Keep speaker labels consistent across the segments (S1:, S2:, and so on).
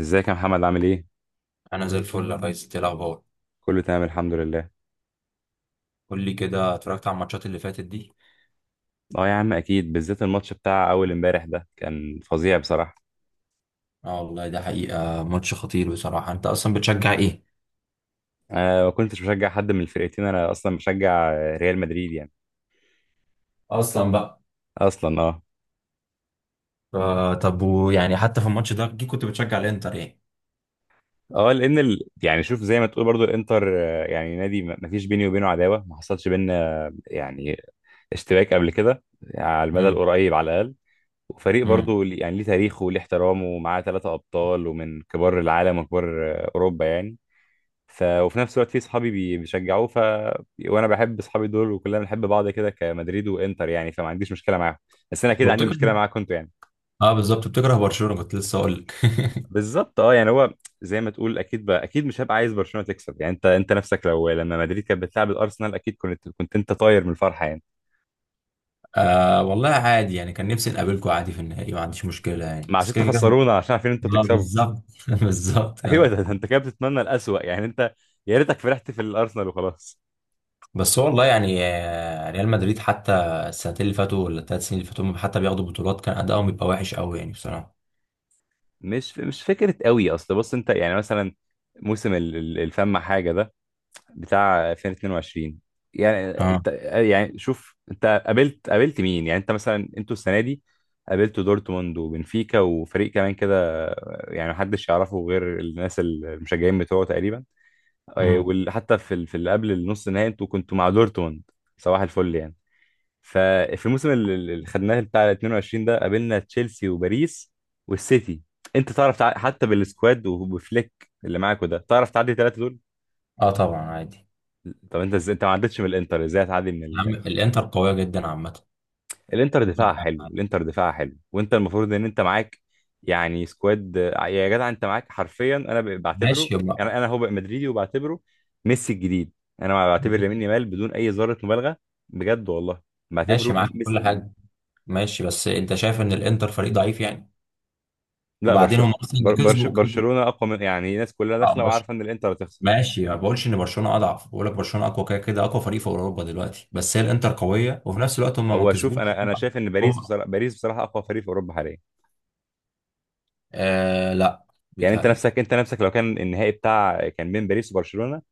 S1: ازيك يا محمد عامل ايه؟
S2: انا زي الفل يا ريس. إنت إيه الاخبار؟
S1: كله تمام الحمد لله.
S2: قول لي كده، اتفرجت على الماتشات اللي فاتت دي؟
S1: اه يا عم، اكيد بالذات الماتش بتاع اول امبارح ده كان فظيع بصراحة.
S2: اه والله، ده حقيقة ماتش خطير بصراحة. انت اصلا بتشجع ايه؟
S1: انا ما كنتش بشجع حد من الفرقتين، انا اصلا بشجع ريال مدريد يعني.
S2: اصلا بقى.
S1: اصلا اه.
S2: آه، طب ويعني حتى في الماتش ده أكيد كنت بتشجع الانتر يعني.
S1: اه، لان يعني شوف، زي ما تقول برضو الانتر، يعني نادي ما فيش بيني وبينه عداوة، ما حصلش بينا يعني اشتباك قبل كده، على المدى
S2: امم.
S1: القريب على الاقل. وفريق
S2: امم.
S1: برضو يعني ليه تاريخه وليه احترامه، ومعاه ثلاثة ابطال، ومن كبار العالم وكبار اوروبا يعني. وفي نفس الوقت في صحابي بيشجعوه، وانا بحب صحابي دول، وكلنا بنحب بعض كده، كمدريد وانتر يعني، فما عنديش مشكله معاهم. بس انا اكيد عندي مشكله
S2: وبتكره؟
S1: معاكم انتوا يعني.
S2: اه بالظبط، بتكره برشلونة. كنت لسه اقول لك.
S1: بالظبط، اه يعني هو زي ما تقول، اكيد بقى اكيد مش هبقى عايز برشلونه تكسب يعني. انت نفسك، لو لما مدريد كانت بتلعب الارسنال، اكيد كنت انت طاير من الفرحه يعني.
S2: آه والله عادي يعني، كان نفسي نقابلكم عادي في النهائي، ما عنديش مشكلة يعني،
S1: ما
S2: بس
S1: عشان
S2: كده كده.
S1: تخسرونا، عشان عارفين انتوا
S2: اه
S1: تكسبوا.
S2: بالظبط، بالظبط
S1: ايوه
S2: يعني.
S1: ده انت كده بتتمنى الاسوأ يعني، انت يا ريتك فرحت في الارسنال وخلاص.
S2: بس هو والله يعني، ريال مدريد حتى السنتين اللي فاتوا ولا الثلاث سنين اللي فاتوا هم حتى بياخدوا بطولات، كان ادائهم بيبقى وحش قوي يعني بصراحه.
S1: مش فكره قوي. اصل بص، انت يعني مثلا موسم الفم حاجه ده، بتاع 2022، يعني
S2: اه.
S1: انت، يعني شوف، انت قابلت مين؟ يعني انت مثلا، انتوا السنه دي قابلتوا دورتموند وبنفيكا وفريق كمان كده، يعني محدش يعرفه غير الناس المشجعين بتوعه تقريبا. اه،
S2: امم.
S1: وحتى في اللي قبل النص النهائي انتوا كنتوا مع دورتموند، صباح الفل يعني. ففي الموسم اللي خدناه بتاع 22 ده، قابلنا تشيلسي وباريس والسيتي، انت تعرف حتى بالسكواد وبفليك اللي معاك، وده تعرف تعدي ثلاثة دول؟
S2: اه طبعا عادي.
S1: طب انت ازاي انت ما عدتش من الانتر، ازاي هتعدي من
S2: يا
S1: ال...؟
S2: عم الانتر قويه جدا عامه.
S1: الانتر دفاعها حلو، الانتر دفاعها حلو، وانت المفروض ان انت معاك يعني سكواد، يا جدع انت معاك حرفيا، انا بعتبره،
S2: ماشي يبقى.
S1: انا هو بقى مدريدي، وبعتبره ميسي الجديد. انا بعتبر لامين يامال، بدون اي ذره مبالغه، بجد والله،
S2: ماشي
S1: بعتبره
S2: معاك في
S1: ميسي
S2: كل
S1: الجديد.
S2: حاجه. ماشي، بس انت شايف ان الانتر فريق ضعيف يعني؟
S1: لا
S2: وبعدين هم اصلا اللي كسبوا كسبوا.
S1: برشلونه اقوى من، يعني الناس كلها
S2: اه
S1: داخله وعارفه ان الانتر هتخسر.
S2: ماشي. ما بقولش ان برشلونه اضعف، بقول لك برشلونه اقوى كده كده، اقوى فريق في اوروبا دلوقتي، بس هي الانتر قويه وفي نفس الوقت هم ما
S1: هو شوف،
S2: كسبوش.
S1: انا شايف ان باريس
S2: هم.
S1: بصراحه، باريس بصراحه اقوى فريق في اوروبا حاليا.
S2: آه لا.
S1: يعني انت
S2: بيتهيألي.
S1: نفسك، انت نفسك، لو كان النهائي كان بين باريس وبرشلونه،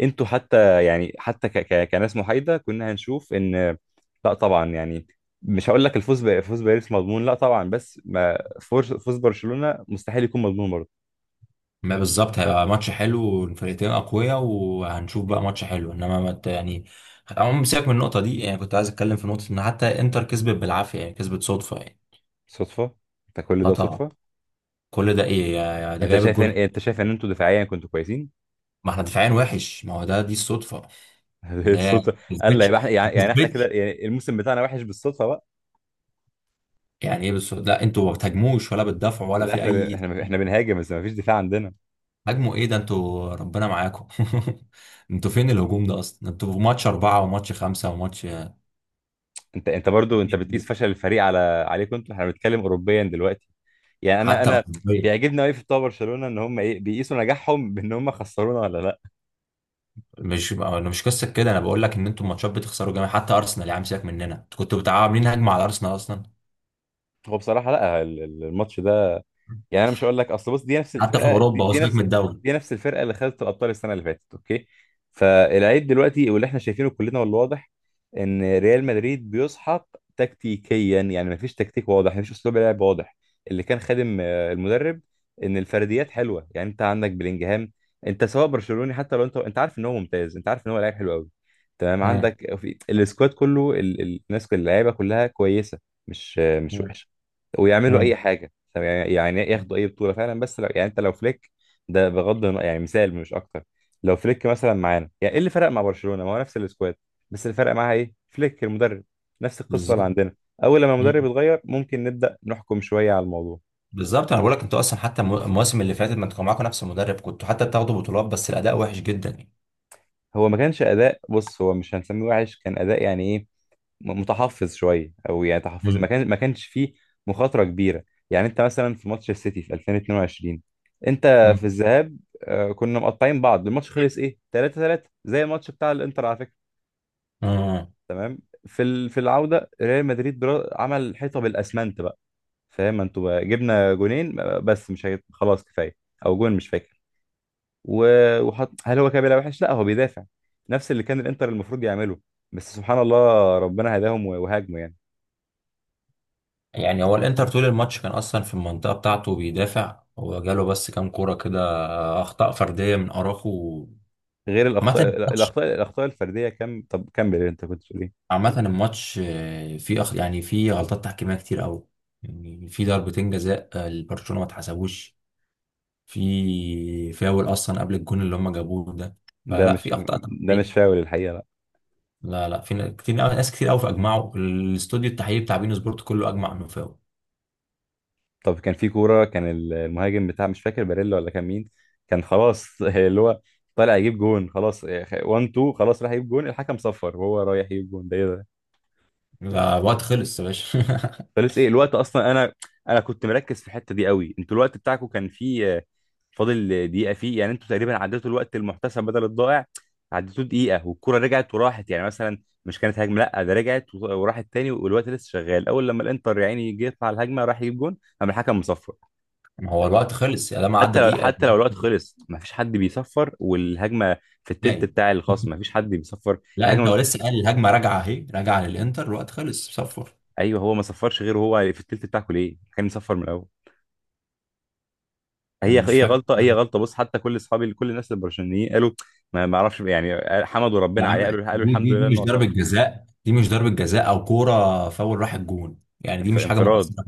S1: انتوا حتى يعني، حتى ك ك كناس محايده، كنا هنشوف ان، لا طبعا يعني، مش هقول لك فوز باريس مضمون، لا طبعا، بس ما فوز برشلونه مستحيل يكون مضمون برضه.
S2: ما بالظبط، هيبقى ماتش حلو والفرقتين اقوياء، وهنشوف بقى ماتش حلو. انما ما ت- يعني عموما سيبك من النقطه دي. يعني كنت عايز اتكلم في نقطه ان حتى انتر كسبت بالعافيه، يعني كسبت صدفه يعني.
S1: صدفه؟ انت كل
S2: اه
S1: ده
S2: طبعا.
S1: صدفه؟
S2: كل ده ايه ده جايب الجون؟
S1: انت شايف ان انتوا دفاعيا كنتوا كويسين؟
S2: ما احنا دفاعيا وحش، ما هو ده دي الصدفه. اللي هي ما
S1: الصدفه قال! لا
S2: كسبتش.
S1: يبقى احنا،
S2: ما
S1: يعني احنا كده،
S2: كسبتش.
S1: يعني الموسم بتاعنا وحش بالصدفه بقى.
S2: يعني ايه بس؟ لا، انتوا ما بتهاجموش ولا بتدافعوا ولا
S1: لا،
S2: في اي
S1: احنا بنهاجم، بس ما فيش دفاع عندنا.
S2: هاجموا ايه، ده انتوا ربنا معاكم. انتوا فين الهجوم ده اصلا؟ انتوا في ماتش اربعه وماتش خمسه وماتش
S1: انت برضو انت
S2: مفيش
S1: بتقيس
S2: هجوم.
S1: فشل الفريق على، عليكم انتوا، احنا بنتكلم اوروبيا دلوقتي. يعني انا
S2: حتى
S1: انا بيعجبني قوي في بتوع برشلونه، ان هم ايه بيقيسوا نجاحهم بان هم خسرونا ولا لا.
S2: مش، انا مش قصه كده. انا بقول لك ان انتوا الماتشات بتخسروا جامد. حتى ارسنال، يا عم سيبك مننا، انتوا كنتوا بتاع عاملين هجمه على ارسنال اصلا؟
S1: هو بصراحه لا، الماتش ده يعني، انا مش هقول لك، اصل بص، دي نفس
S2: حتى في
S1: الفرقه،
S2: اوروبا، وسيبك من الدوري.
S1: دي نفس الفرقه اللي خدت الابطال السنه اللي فاتت، اوكي؟ فالعيب دلوقتي، واللي احنا شايفينه كلنا والواضح، ان ريال مدريد بيسحق تكتيكيا. يعني مفيش تكتيك واضح، مفيش اسلوب لعب واضح. اللي كان خادم المدرب، ان الفرديات حلوه. يعني انت عندك بلينجهام، انت سواء برشلوني حتى لو، انت عارف ان هو ممتاز، انت عارف ان هو لاعب حلو قوي. تمام؟
S2: مم.
S1: عندك في السكواد كله الناس اللعيبه كلها كويسه، مش مش
S2: مم.
S1: وحشه، ويعملوا اي
S2: مم.
S1: حاجه، طب يعني ياخدوا اي بطوله فعلا، بس لو يعني انت لو فليك، ده بغض النظر يعني، مثال مش اكتر. لو فليك مثلا معانا، يعني ايه اللي فرق مع برشلونه؟ ما هو نفس السكواد، بس اللي فرق معاها ايه؟ فليك المدرب. نفس القصه اللي
S2: بالظبط.
S1: عندنا، اول لما المدرب
S2: مم.
S1: يتغير ممكن نبدا نحكم شويه على الموضوع.
S2: بالظبط، انا بقول لك انتوا اصلا حتى المواسم اللي فاتت ما انتوا كان معاكم نفس المدرب، كنتوا حتى بتاخدوا بطولات، بس الاداء وحش جدا يعني.
S1: هو ما كانش اداء، بص، هو مش هنسميه وحش، كان اداء يعني ايه، متحفظ شويه او يعني تحفظي،
S2: مم.
S1: ما كانش فيه مخاطره كبيره. يعني انت مثلا في ماتش السيتي في 2022، انت في
S2: مم.
S1: الذهاب، كنا مقطعين بعض، الماتش خلص ايه؟ 3-3، زي الماتش بتاع الانتر على فكره.
S2: مم.
S1: تمام، في العوده ريال مدريد عمل حيطه بالاسمنت بقى، فاهم؟ انتوا بقى جبنا جونين، بس مش هيت... خلاص كفايه، او جون مش فاكر، وحط، هل هو كان بيلعب وحش؟ لا، هو بيدافع، نفس اللي كان الانتر المفروض يعمله، بس سبحان الله ربنا هداهم وهاجموا يعني.
S2: يعني هو الانتر طول الماتش كان اصلا في المنطقه بتاعته بيدافع، هو جاله بس كام كوره كده، اخطاء فرديه من اراخو.
S1: غير
S2: عامه،
S1: الاخطاء الفرديه كم؟ طب كمل، انت كنت بتقول ايه؟
S2: عامة الماتش، فيه يعني فيه غلطات تحكيمية كتير أوي. يعني في ضربتين جزاء، لبرشلونة ما اتحسبوش. في فاول أصلا قبل الجون اللي هم جابوه ده.
S1: ده
S2: فلا،
S1: مش
S2: في أخطاء
S1: ده مش
S2: تحكيمية.
S1: فاول الحقيقه، لا.
S2: لا لا، في ن- كتير أوي- ناس كتير أوي فأجمعوا، الاستوديو التحليلي بتاع بين سبورت كله أجمع إنه فاول.
S1: طب كان في كوره، كان المهاجم بتاع، مش فاكر باريلا ولا كان مين، كان خلاص اللي هو طالع يجيب جون، خلاص 1، 2، خلاص راح يجيب جون، الحكم صفر، وهو رايح يجيب جون، ده ايه ده؟
S2: لا، الوقت خلص يا باشا.
S1: فلسه، ايه الوقت اصلا؟ انا كنت مركز في الحته دي قوي، انتوا الوقت بتاعكم كان فيه فاضل دقيقه فيه، يعني انتوا تقريبا عديتوا الوقت المحتسب بدل الضائع، عديتوه دقيقه، والكره رجعت وراحت، يعني مثلا مش كانت هجمه، لا ده رجعت وراحت تاني، والوقت لسه شغال، اول لما الانتر يا عيني جه يطلع الهجمه راح يجيب جون قام الحكم مصفر.
S2: ما هو الوقت خلص يا ده، ما عدى
S1: حتى لو
S2: دقيقة.
S1: حتى لو الوقت خلص، ما فيش حد بيصفر والهجمه في التلت
S2: نهائي.
S1: بتاع الخصم، ما فيش حد بيصفر
S2: لا، أنت
S1: الهجمه.
S2: هو لسه قال الهجمة راجعة؟ أهي راجعة للإنتر، الوقت خلص صفر.
S1: ايوه، هو ما صفرش غير هو في التلت بتاعكم، ليه كان يصفر من الاول؟
S2: أنا
S1: هي
S2: مش
S1: هي
S2: فاكر.
S1: غلطه، هي غلطه، بص، حتى كل اصحابي، كل الناس البرشلونيين قالوا، ما اعرفش يعني، حمدوا
S2: يا
S1: ربنا عليه،
S2: عم،
S1: قالوا
S2: دي
S1: الحمد
S2: دي
S1: لله
S2: دي مش
S1: انه صف.
S2: ضربة جزاء. دي مش ضربة جزاء او كورة فاول راح الجون يعني. دي مش حاجة
S1: انفراد!
S2: مؤثرة.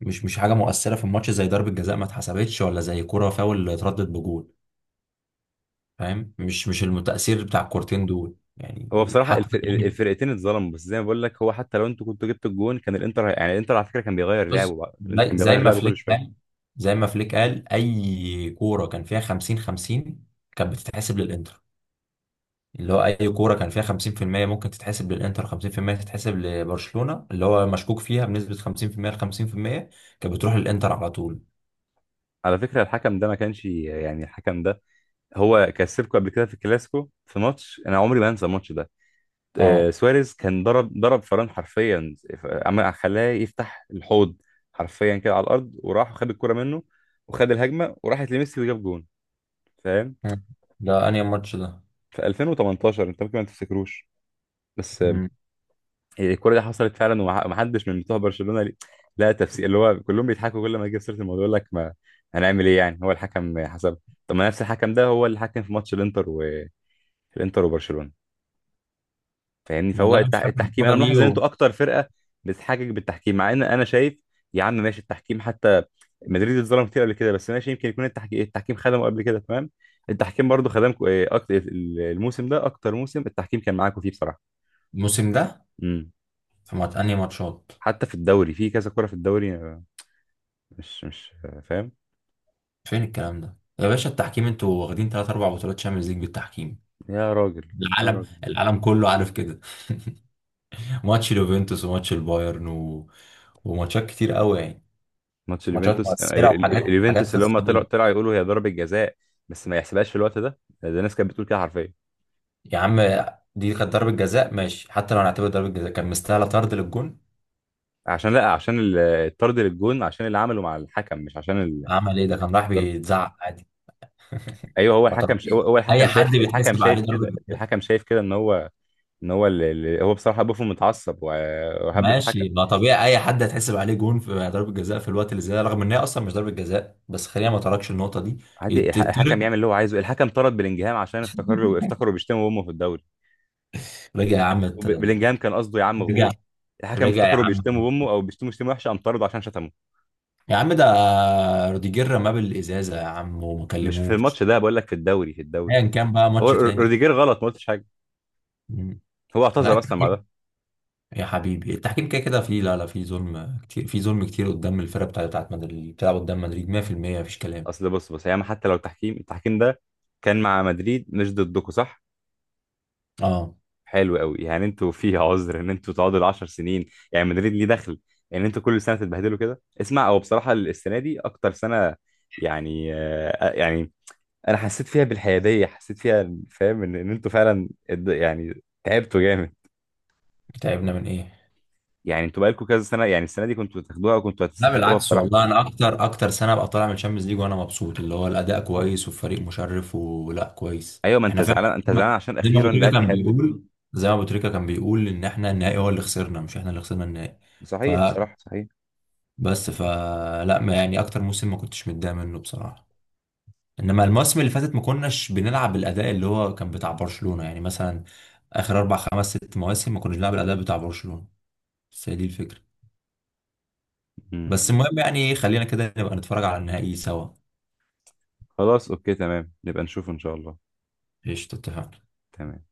S2: مش حاجة مؤثرة في الماتش زي ضربة جزاء ما اتحسبتش، ولا زي كورة فاول اتردد بجول. فاهم؟ مش التأثير بتاع الكورتين دول
S1: هو
S2: يعني،
S1: بصراحه
S2: حتى يعني.
S1: الفرقتين اتظلموا، بس زي ما بقول لك، هو حتى لو انتوا كنتوا جبتوا الجون كان الانتر، يعني الانتر على فكره كان بيغير لعبه
S2: بص،
S1: بقى، الانتر
S2: زي
S1: كان
S2: زي
S1: بيغير
S2: ما
S1: لعبه كل
S2: فليك قال.
S1: شويه.
S2: زي ما فليك قال، اي كورة كان فيها 50 50 كانت بتتحسب للانتر. اللي هو اي كوره كان فيها 50% ممكن تتحسب للانتر، 50% تتحسب لبرشلونه. اللي هو مشكوك فيها بنسبه 50% ل 50% كانت بتروح للانتر على طول.
S1: على فكره الحكم ده ما كانش، يعني الحكم ده هو كسبكم قبل كده في الكلاسيكو، في ماتش انا عمري ما انسى الماتش ده.
S2: اه.
S1: سواريز كان ضرب فران حرفيا، عمل خلاه يفتح الحوض حرفيا كده على الارض، وراح وخد الكرة منه، وخد الهجمه وراحت لميسي وجاب جون، فاهم؟
S2: مم. ده انهي ماتش ده؟
S1: في 2018، انت ممكن ما تفتكروش، بس.
S2: مم.
S1: هي الكرة دي حصلت فعلا، ومحدش من بتوع برشلونه لا تفسير، اللي هو كلهم بيضحكوا كل ما يجي سيره الموضوع يقول لك ما هنعمل ايه يعني؟ هو الحكم حسب. طب ما نفس الحكم ده هو اللي حكم في ماتش الانتر، وبرشلونه، فاهمني؟ فهو
S2: والله مش فاكر
S1: التحكيم،
S2: الكوره
S1: انا
S2: دي.
S1: ملاحظ ان انتوا اكتر فرقه بتحاجج بالتحكيم، مع ان انا شايف، يا عم ماشي، التحكيم حتى مدريد اتظلم كتير قبل كده، بس ماشي، يمكن يكون التحكيم خدمه قبل كده، تمام، التحكيم برضو خدمكم اكتر. الموسم ده اكتر موسم التحكيم كان معاكم فيه بصراحه.
S2: الموسم ده،
S1: امم.
S2: في انهي ماتشات؟
S1: حتى في الدوري، في كذا كره في الدوري، مش آه، فاهم.
S2: فين الكلام ده يا باشا، التحكيم؟ انتوا واخدين ثلاث اربع بطولات شامبيونز ليج بالتحكيم.
S1: يا راجل، يا
S2: العالم،
S1: راجل،
S2: العالم كله عارف كده. ماتش اليوفنتوس وماتش البايرن وماتشات كتير قوي يعني.
S1: ماتش
S2: ماتشات
S1: اليوفنتوس،
S2: مؤثره وحاجات حاجات
S1: اليوفنتوس،
S2: في.
S1: اللي هم طلعوا يقولوا هي ضربه جزاء، بس ما يحسبهاش في الوقت ده ناس كانت بتقول كده حرفيا.
S2: يا عم، دي كانت ضربة جزاء، ماشي. حتى لو هنعتبر ضربة جزاء، كان مستاهلة طرد للجون.
S1: عشان، لا، عشان الطرد للجون، عشان اللي عمله مع الحكم، مش عشان
S2: عمل ايه ده؟ كان راح
S1: الضرب.
S2: بيتزعق عادي.
S1: ايوه، هو
S2: ما
S1: الحكم هو
S2: طبيعي،
S1: هو
S2: اي
S1: الحكم شايف،
S2: حد بيتحسب عليه ضربة جزاء.
S1: الحكم شايف كده، ان هو ان هو هو بصراحه بوفون متعصب، وهب في الحكم.
S2: ماشي، ما طبيعي اي حد هيتحسب عليه جون في ضربة جزاء في الوقت اللي زي ده، رغم ان هي اصلا مش ضربة جزاء، بس خلينا ما تركش النقطة دي.
S1: عادي، الحكم يعمل
S2: يتطرد.
S1: اللي هو عايزه. الحكم طرد بلينجهام عشان افتكروا افتكروا بيشتموا امه في الدوري.
S2: رجع يا عم
S1: بلينجهام كان قصده يا عم غور.
S2: رجع.
S1: الحكم
S2: رجع يا
S1: افتكروا
S2: عم.
S1: بيشتموا امه او بيشتموا شتيمه وحشه، قام طرده عشان شتمه.
S2: يا عم، ده روديجير رماه بالازازة يا عم وما
S1: مش في
S2: كلموش.
S1: الماتش ده، بقول لك في الدوري، في الدوري.
S2: ايا كان بقى، ماتش
S1: هو
S2: تاني.
S1: روديجير غلط، ما قلتش حاجه،
S2: مم.
S1: هو اعتذر
S2: لا،
S1: اصلا بعدها.
S2: يا حبيبي التحكيم كده كده فيه. لا لا، فيه ظلم كتير، فيه ظلم كتير قدام الفرقه بتاعت مدريد اللي بتلعب قدام مدريد 100%. مفيش كلام.
S1: اصل بص، ياما، حتى لو التحكيم ده كان مع مدريد مش ضدكم، صح؟
S2: اه.
S1: حلو قوي يعني، انتوا فيها عذر ان انتوا تقعدوا العشر سنين، يعني مدريد ليه دخل ان انتوا كل سنه تتبهدلوا كده؟ اسمع، هو بصراحه السنه دي اكتر سنه، يعني يعني انا حسيت فيها بالحياديه، حسيت فيها، فاهم؟ ان انتوا فعلا، يعني تعبتوا جامد،
S2: تعبنا من ايه؟
S1: يعني انتوا بقالكم كذا سنه، يعني السنه دي كنتوا تاخدوها، وكنتوا
S2: لا
S1: هتستحقوها
S2: بالعكس،
S1: بصراحه.
S2: والله انا اكتر اكتر سنه ابقى طالع من الشامبيونز ليج وانا مبسوط. اللي هو الاداء كويس والفريق مشرف، ولا كويس
S1: ايوه، ما انت
S2: احنا فعلا.
S1: زعلان، انت
S2: زي ما
S1: زعلان عشان
S2: زي ما ابو
S1: اخيرا
S2: تريكه
S1: لعبت
S2: كان
S1: حلو.
S2: بيقول زي ما ابو تريكه كان بيقول، ان احنا النهائي هو اللي خسرنا، مش احنا اللي خسرنا النهائي. ف
S1: صحيح بصراحه، صحيح.
S2: بس ف لا، ما يعني، اكتر موسم ما كنتش متضايق منه بصراحه. انما المواسم اللي فاتت، ما كناش بنلعب بالاداء اللي هو كان بتاع برشلونة يعني. مثلا اخر اربع خمس ست مواسم ما كناش بنلعب الاداء بتاع برشلونة. بس هي دي الفكرة.
S1: مم.
S2: بس المهم يعني خلينا كده نبقى نتفرج على النهائي سوا.
S1: خلاص، اوكي، تمام، نبقى نشوف ان شاء الله.
S2: ايش تتفق.
S1: تمام